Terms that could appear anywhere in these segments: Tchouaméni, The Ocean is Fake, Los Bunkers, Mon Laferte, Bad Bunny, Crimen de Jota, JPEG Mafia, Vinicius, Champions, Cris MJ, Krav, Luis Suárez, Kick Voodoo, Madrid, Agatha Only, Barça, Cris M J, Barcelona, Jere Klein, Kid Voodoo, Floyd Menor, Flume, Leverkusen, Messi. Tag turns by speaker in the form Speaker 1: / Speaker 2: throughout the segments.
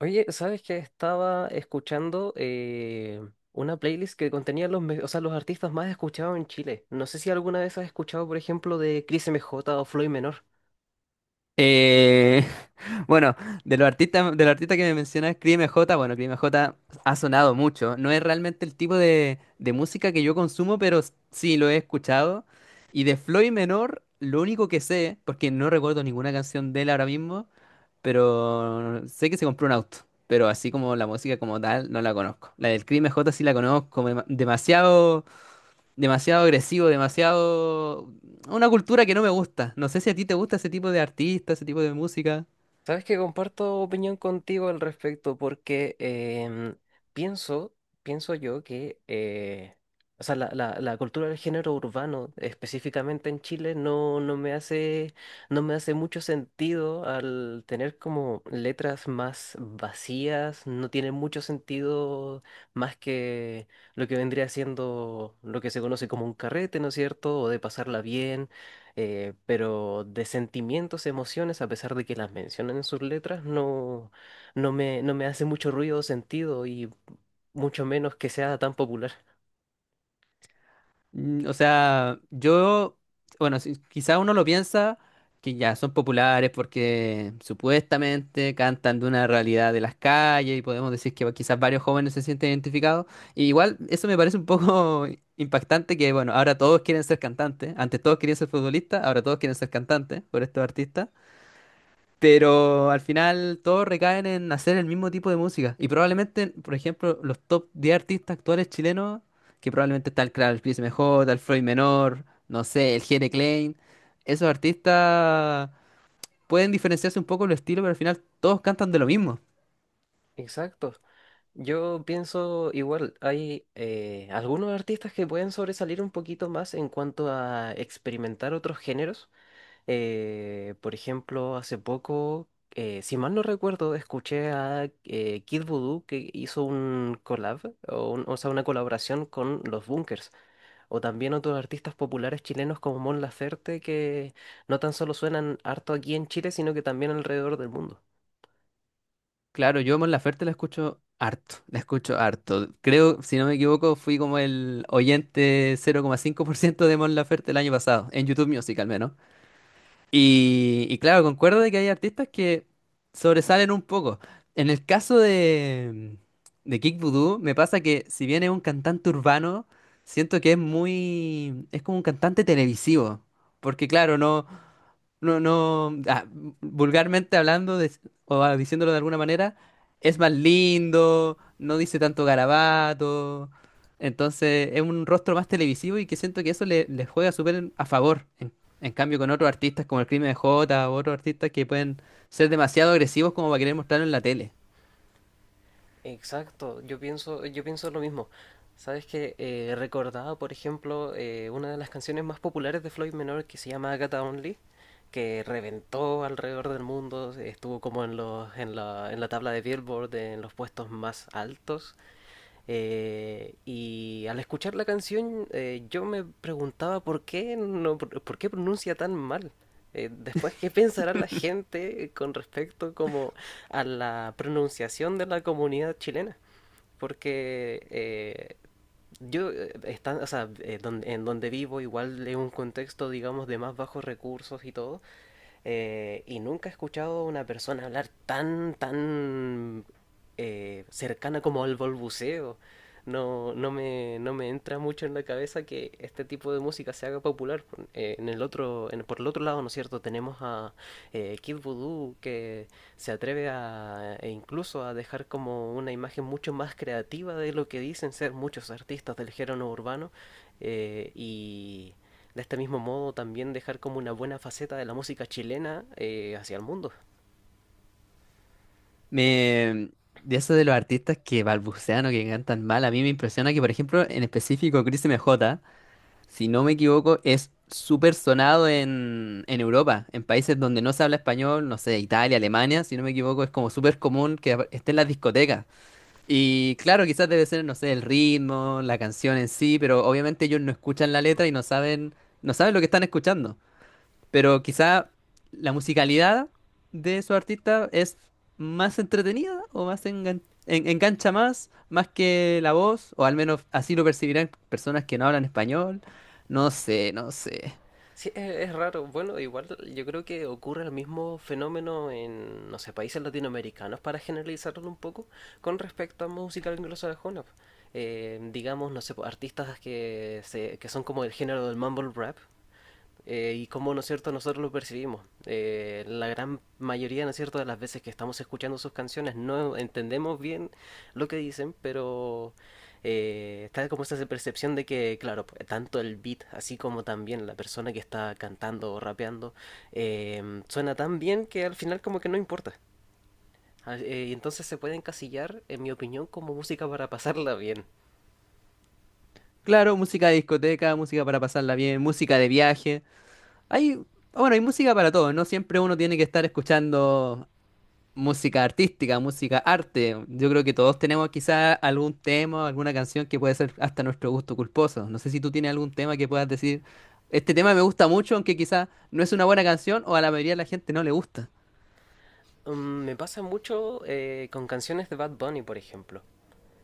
Speaker 1: Oye, ¿sabes que estaba escuchando una playlist que contenía los, me- o sea, los artistas más escuchados en Chile? No sé si alguna vez has escuchado, por ejemplo, de Cris MJ o Floyd Menor.
Speaker 2: Eh, bueno, de los artistas que me mencionas, Cris M J, bueno, Cris M J ha sonado mucho. No es realmente el tipo de música que yo consumo, pero sí lo he escuchado. Y de Floyd Menor, lo único que sé, porque no recuerdo ninguna canción de él ahora mismo, pero sé que se compró un auto. Pero así como la música como tal, no la conozco. La del Cris M J sí la conozco, demasiado demasiado agresivo, demasiado... Una cultura que no me gusta. No sé si a ti te gusta ese tipo de artista, ese tipo de música.
Speaker 1: Sabes que comparto opinión contigo al respecto porque pienso, pienso yo que la cultura del género urbano, específicamente en Chile, no me hace, no me hace mucho sentido al tener como letras más vacías. No tiene mucho sentido más que lo que vendría siendo lo que se conoce como un carrete, ¿no es cierto? O de pasarla bien, pero de sentimientos, emociones, a pesar de que las mencionan en sus letras, no me hace mucho ruido o sentido, y mucho menos que sea tan popular.
Speaker 2: Mm, o sea, yo, bueno, quizá uno lo piensa que ya son populares porque supuestamente cantan de una realidad de las calles y podemos decir que quizás varios jóvenes se sienten identificados. Y igual eso me parece un poco impactante que, bueno, ahora todos quieren ser cantantes. Antes todos querían ser futbolistas, ahora todos quieren ser cantantes por estos artistas. Pero al final todos recaen en hacer el mismo tipo de música. Y probablemente, por ejemplo, los top 10 artistas actuales chilenos, que probablemente está el Krav, el Chris MJ, el Floyd Menor, no sé, el Jere Klein, esos artistas pueden diferenciarse un poco los estilos, pero al final todos cantan de lo mismo.
Speaker 1: Exacto. Yo pienso igual, hay algunos artistas que pueden sobresalir un poquito más en cuanto a experimentar otros géneros. Por ejemplo, hace poco, si mal no recuerdo, escuché a Kid Voodoo, que hizo un collab, o sea, una colaboración con Los Bunkers, o también otros artistas populares chilenos como Mon Laferte, que no tan solo suenan harto aquí en Chile, sino que también alrededor del mundo.
Speaker 2: Claro, yo Mon Laferte la escucho harto, la escucho harto. Creo, si no me equivoco, fui como el oyente 0,5% de Mon Laferte el año pasado, en YouTube Music al menos. Y claro, concuerdo de que hay artistas que sobresalen un poco. En el caso de Kick Voodoo, me pasa que si bien es un cantante urbano, siento que es muy, es como un cantante televisivo. Porque claro, no, no, no, ah, vulgarmente o diciéndolo de alguna manera, es más lindo, no dice tanto garabato, entonces es un rostro más televisivo y que siento que eso le, le juega súper a favor. En cambio, con otros artistas como el Crimen de Jota o otros artistas que pueden ser demasiado agresivos como para querer mostrarlo en la tele.
Speaker 1: Exacto, yo pienso lo mismo. Sabes que recordaba, por ejemplo, una de las canciones más populares de Floyd Menor que se llama Agatha Only, que reventó alrededor del mundo, estuvo como en en la tabla de Billboard, en los puestos más altos. Y al escuchar la canción, yo me preguntaba por qué, no, por qué pronuncia tan mal. Después, ¿qué pensará la gente con respecto como a la pronunciación de la comunidad chilena? Porque yo, está, o sea, don- en donde vivo igual es un contexto, digamos, de más bajos recursos y todo, y nunca he escuchado a una persona hablar tan cercana como al balbuceo. No me entra mucho en la cabeza que este tipo de música se haga popular. En el otro, en, Por el otro lado, ¿no es cierto? Tenemos a Kid Voodoo, que se atreve a, e incluso a dejar como una imagen mucho más creativa de lo que dicen ser muchos artistas del género urbano, y de este mismo modo también dejar como una buena faceta de la música chilena hacia el mundo.
Speaker 2: Me, de eso de los artistas que balbucean o que cantan mal, a mí me impresiona que, por ejemplo, en específico, Crimen J, si no me equivoco, es súper sonado en Europa, en países donde no se habla español, no sé, Italia, Alemania, si no me equivoco, es como súper común que esté en las discotecas. Y claro, quizás debe ser, no sé, el ritmo, la canción en sí, pero obviamente ellos no escuchan la letra y no saben, no saben lo que están escuchando. Pero quizá la musicalidad de su artista es más entretenida o más engancha más, más que la voz, o al menos así lo percibirán personas que no hablan español. No sé, no sé.
Speaker 1: Sí, es raro. Bueno, igual yo creo que ocurre el mismo fenómeno en, no sé, países latinoamericanos, para generalizarlo un poco, con respecto a música anglosajona. Digamos, no sé, po, artistas que son como el género del mumble rap, y cómo, ¿no es cierto?, nosotros lo percibimos. La gran mayoría, ¿no es cierto?, de las veces que estamos escuchando sus canciones no entendemos bien lo que dicen, pero está como esa percepción de que, claro, pues, tanto el beat, así como también la persona que está cantando o rapeando, suena tan bien que al final como que no importa. Y entonces se puede encasillar, en mi opinión, como música para pasarla bien.
Speaker 2: Claro, música de discoteca, música para pasarla bien, música de viaje. Hay, bueno, hay música para todo, no siempre uno tiene que estar escuchando música artística, música arte. Yo creo que todos tenemos quizá algún tema alguna canción que puede ser hasta nuestro gusto culposo. No sé si tú tienes algún tema que puedas decir, este tema me gusta mucho, aunque quizá no es una buena canción o a la mayoría de la gente no le gusta.
Speaker 1: Mm, me pasa mucho con canciones de Bad Bunny, por ejemplo,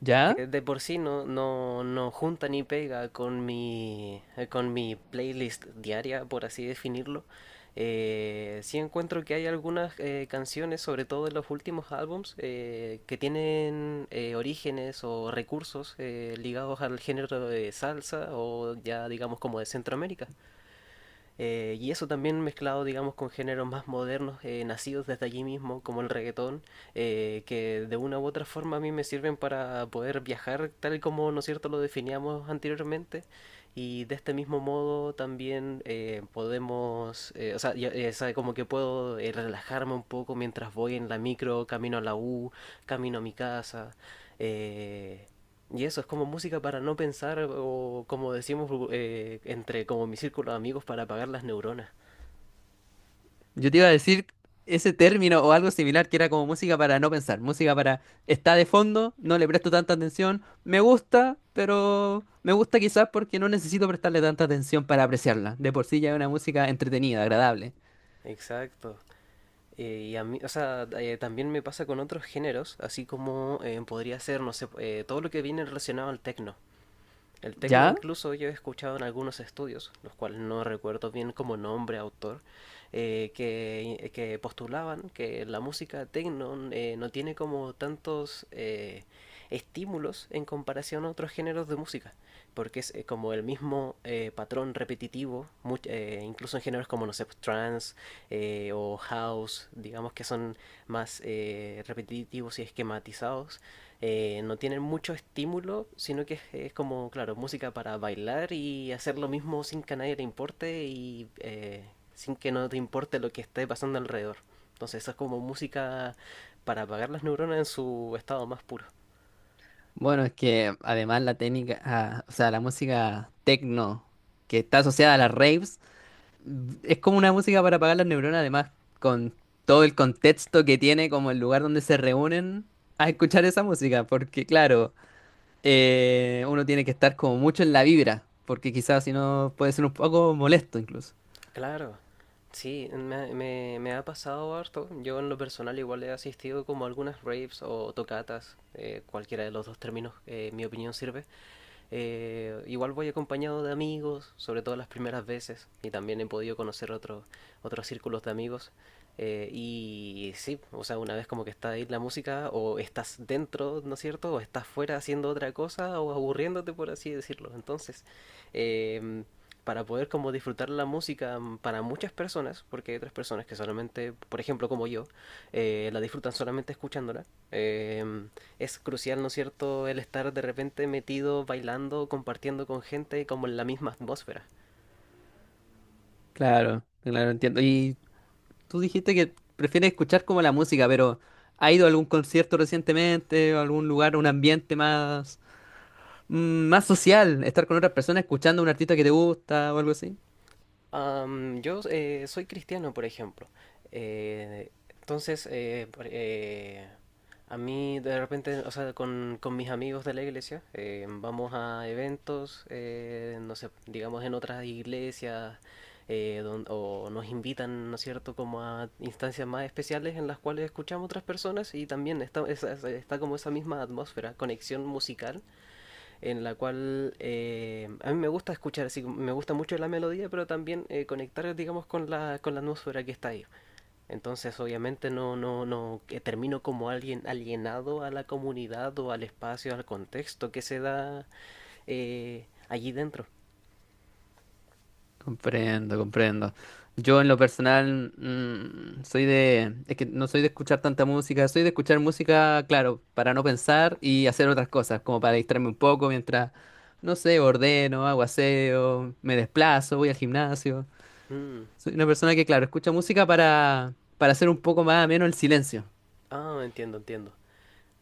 Speaker 2: ¿Ya?
Speaker 1: que de por sí no junta ni pega con mi playlist diaria, por así definirlo. Sí encuentro que hay algunas canciones, sobre todo en los últimos álbums, que tienen orígenes o recursos ligados al género de salsa o, ya digamos, como de Centroamérica. Y eso también mezclado, digamos, con géneros más modernos, nacidos desde allí mismo, como el reggaetón, que de una u otra forma a mí me sirven para poder viajar tal como, ¿no es cierto?, lo definíamos anteriormente. Y de este mismo modo también podemos, o sea, ya- sabe, como que puedo relajarme un poco mientras voy en la micro, camino a la U, camino a mi casa. eh, y eso es como música para no pensar o, como decimos entre como mi círculo de amigos, para apagar las neuronas.
Speaker 2: Yo te iba a decir ese término o algo similar que era como música para no pensar, música para está de fondo, no le presto tanta atención, me gusta, pero me gusta quizás porque no necesito prestarle tanta atención para apreciarla. De por sí ya es una música entretenida, agradable.
Speaker 1: Exacto. Y a mí, también me pasa con otros géneros, así como podría ser, no sé, todo lo que viene relacionado al techno. El techno,
Speaker 2: ¿Ya?
Speaker 1: incluso yo he escuchado en algunos estudios, los cuales no recuerdo bien como nombre, autor, que postulaban que la música techno no tiene como tantos estímulos en comparación a otros géneros de música, porque es como el mismo patrón repetitivo. Incluso en géneros como, no sé, pues, trance o house, digamos, que son más repetitivos y esquematizados, no tienen mucho estímulo, sino que es como, claro, música para bailar y hacer lo mismo sin que a nadie le importe, y sin que no te importe lo que esté pasando alrededor. Entonces, eso es como música para apagar las neuronas en su estado más puro.
Speaker 2: Bueno, es que además la técnica, ah, o sea, la música techno que está asociada a las raves, mm, es como una música para apagar las neuronas, además, con todo el contexto que tiene, como el lugar donde se reúnen a escuchar esa música, porque claro, uno tiene que estar como mucho en la vibra, porque quizás si no puede ser un poco molesto incluso.
Speaker 1: Claro, sí, me ha pasado harto. Yo en lo personal igual he asistido como a algunas raves o tocatas, cualquiera de los dos términos, en mi opinión, sirve. Igual voy acompañado de amigos, sobre todo las primeras veces, y también he podido conocer otros círculos de amigos. Y sí, o sea, una vez como que está ahí la música, o estás dentro, ¿no es cierto? O estás fuera haciendo otra cosa, o aburriéndote, por así decirlo. Entonces, eh, para poder como disfrutar la música, mm, para muchas personas, porque hay otras personas que solamente, por ejemplo, como yo, la disfrutan solamente escuchándola, eh, es crucial, ¿no es cierto?, el estar de repente metido, bailando, compartiendo con gente como en la misma atmósfera.
Speaker 2: Claro, claro, entiendo. Y tú dijiste que prefieres escuchar como la música, pero ¿ha ido a algún concierto recientemente, o algún lugar, un ambiente más... mm, más social, estar con otras personas escuchando a un artista que te gusta o algo así?
Speaker 1: Am, yo soy cristiano, por ejemplo. Eh, entonces, a mí de repente, o sea, con mis amigos de la iglesia, vamos a eventos, no sé, digamos, en otras iglesias, o nos invitan, ¿no es cierto?, como a instancias más especiales en las cuales escuchamos otras personas, y también está, está como esa misma atmósfera, conexión musical, en la cual a mí me gusta escuchar, así, me gusta mucho la melodía, pero también conectar, digamos, con con la atmósfera que está ahí. Entonces, obviamente, no que termino como alguien alienado a la comunidad o al espacio, al contexto que se da allí dentro.
Speaker 2: Comprendo, comprendo. Yo en lo personal mm, soy de, es que no soy de escuchar tanta música, soy de escuchar música, claro, para no pensar y hacer otras cosas, como para distraerme un poco mientras, no sé, ordeno, hago aseo, me desplazo, voy al gimnasio.
Speaker 1: Mm.
Speaker 2: Soy una persona que, claro, escucha música para hacer un poco más ameno el silencio.
Speaker 1: Ah, entiendo, entiendo.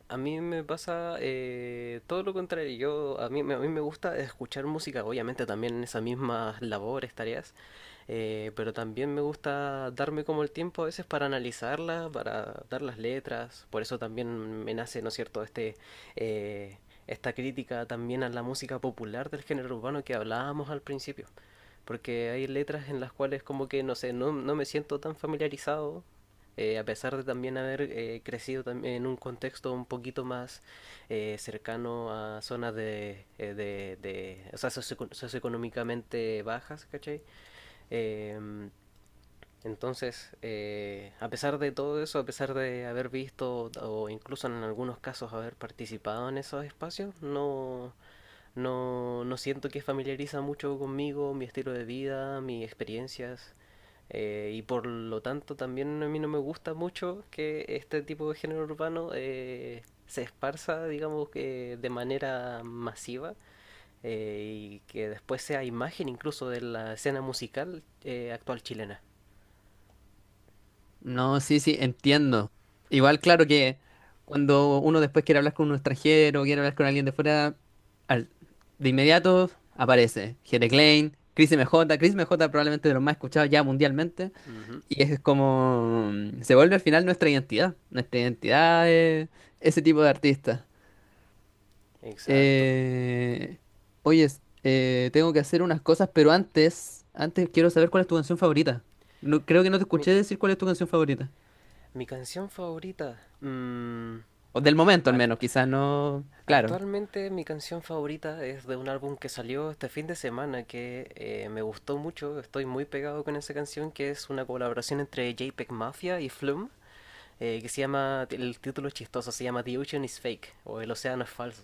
Speaker 1: A mí me pasa todo lo contrario. Yo, a mí, me- A mí me gusta escuchar música, obviamente también en esas mismas labores, tareas, pero también me gusta darme como el tiempo a veces para analizarla, para dar las letras. Por eso también me nace, ¿no es cierto?, eh, esta crítica también a la música popular del género urbano que hablábamos al principio. Porque hay letras en las cuales como que, no sé, no me siento tan familiarizado, a pesar de también haber crecido también en un contexto un poquito más cercano a zonas de, socioeconómicamente bajas, ¿cachai? Em, entonces, a pesar de todo eso, a pesar de haber visto o incluso en algunos casos haber participado en esos espacios, no siento que familiariza mucho conmigo, mi estilo de vida, mis experiencias. Y por lo tanto, también a mí no me gusta mucho que este tipo de género urbano se esparza, digamos, que de manera masiva, eh, y que después sea imagen incluso de la escena musical actual chilena.
Speaker 2: No, sí, sí, entiendo. Igual, claro que cuando uno después quiere hablar con un extranjero, quiere hablar con alguien de fuera, al- de inmediato aparece Jere Klein, Chris MJ, Chris MJ probablemente de los más escuchados ya mundialmente,
Speaker 1: Ujú,
Speaker 2: y es como, mm, se vuelve al final nuestra identidad es ese tipo de artista.
Speaker 1: exacto.
Speaker 2: Eh, oye, tengo que hacer unas cosas, pero antes, antes quiero saber cuál es tu canción favorita. No, creo que no te
Speaker 1: Mi,
Speaker 2: escuché decir cuál es tu canción favorita.
Speaker 1: Mi canción favorita. Mm,
Speaker 2: O del momento al menos,
Speaker 1: act-
Speaker 2: quizás no, claro,
Speaker 1: actualmente mi canción favorita es de un álbum que salió este fin de semana que me gustó mucho. Estoy muy pegado con esa canción, que es una colaboración entre JPEG Mafia y Flume, que se llama, el título es chistoso, se llama The Ocean is Fake, o El Océano es Falso.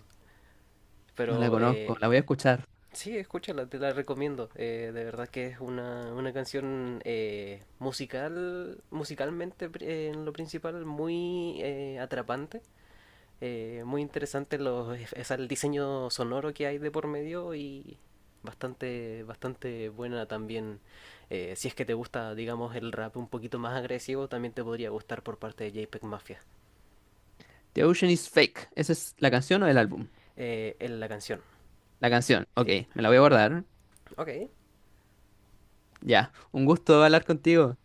Speaker 2: no la
Speaker 1: Pero
Speaker 2: conozco, la voy a escuchar.
Speaker 1: sí, escúchala, te la recomiendo. Eh, de verdad que es una canción musicalmente en lo principal muy atrapante, muy interesante es el diseño sonoro que hay de por medio, y bastante buena también. Si es que te gusta, digamos, el rap un poquito más agresivo, también te podría gustar por parte de JPEG Mafia,
Speaker 2: The Ocean is Fake, ¿esa es la canción o el álbum?
Speaker 1: en la canción.
Speaker 2: La canción, ok,
Speaker 1: Sí,
Speaker 2: me la voy a guardar.
Speaker 1: ok.
Speaker 2: Ya, un gusto hablar contigo.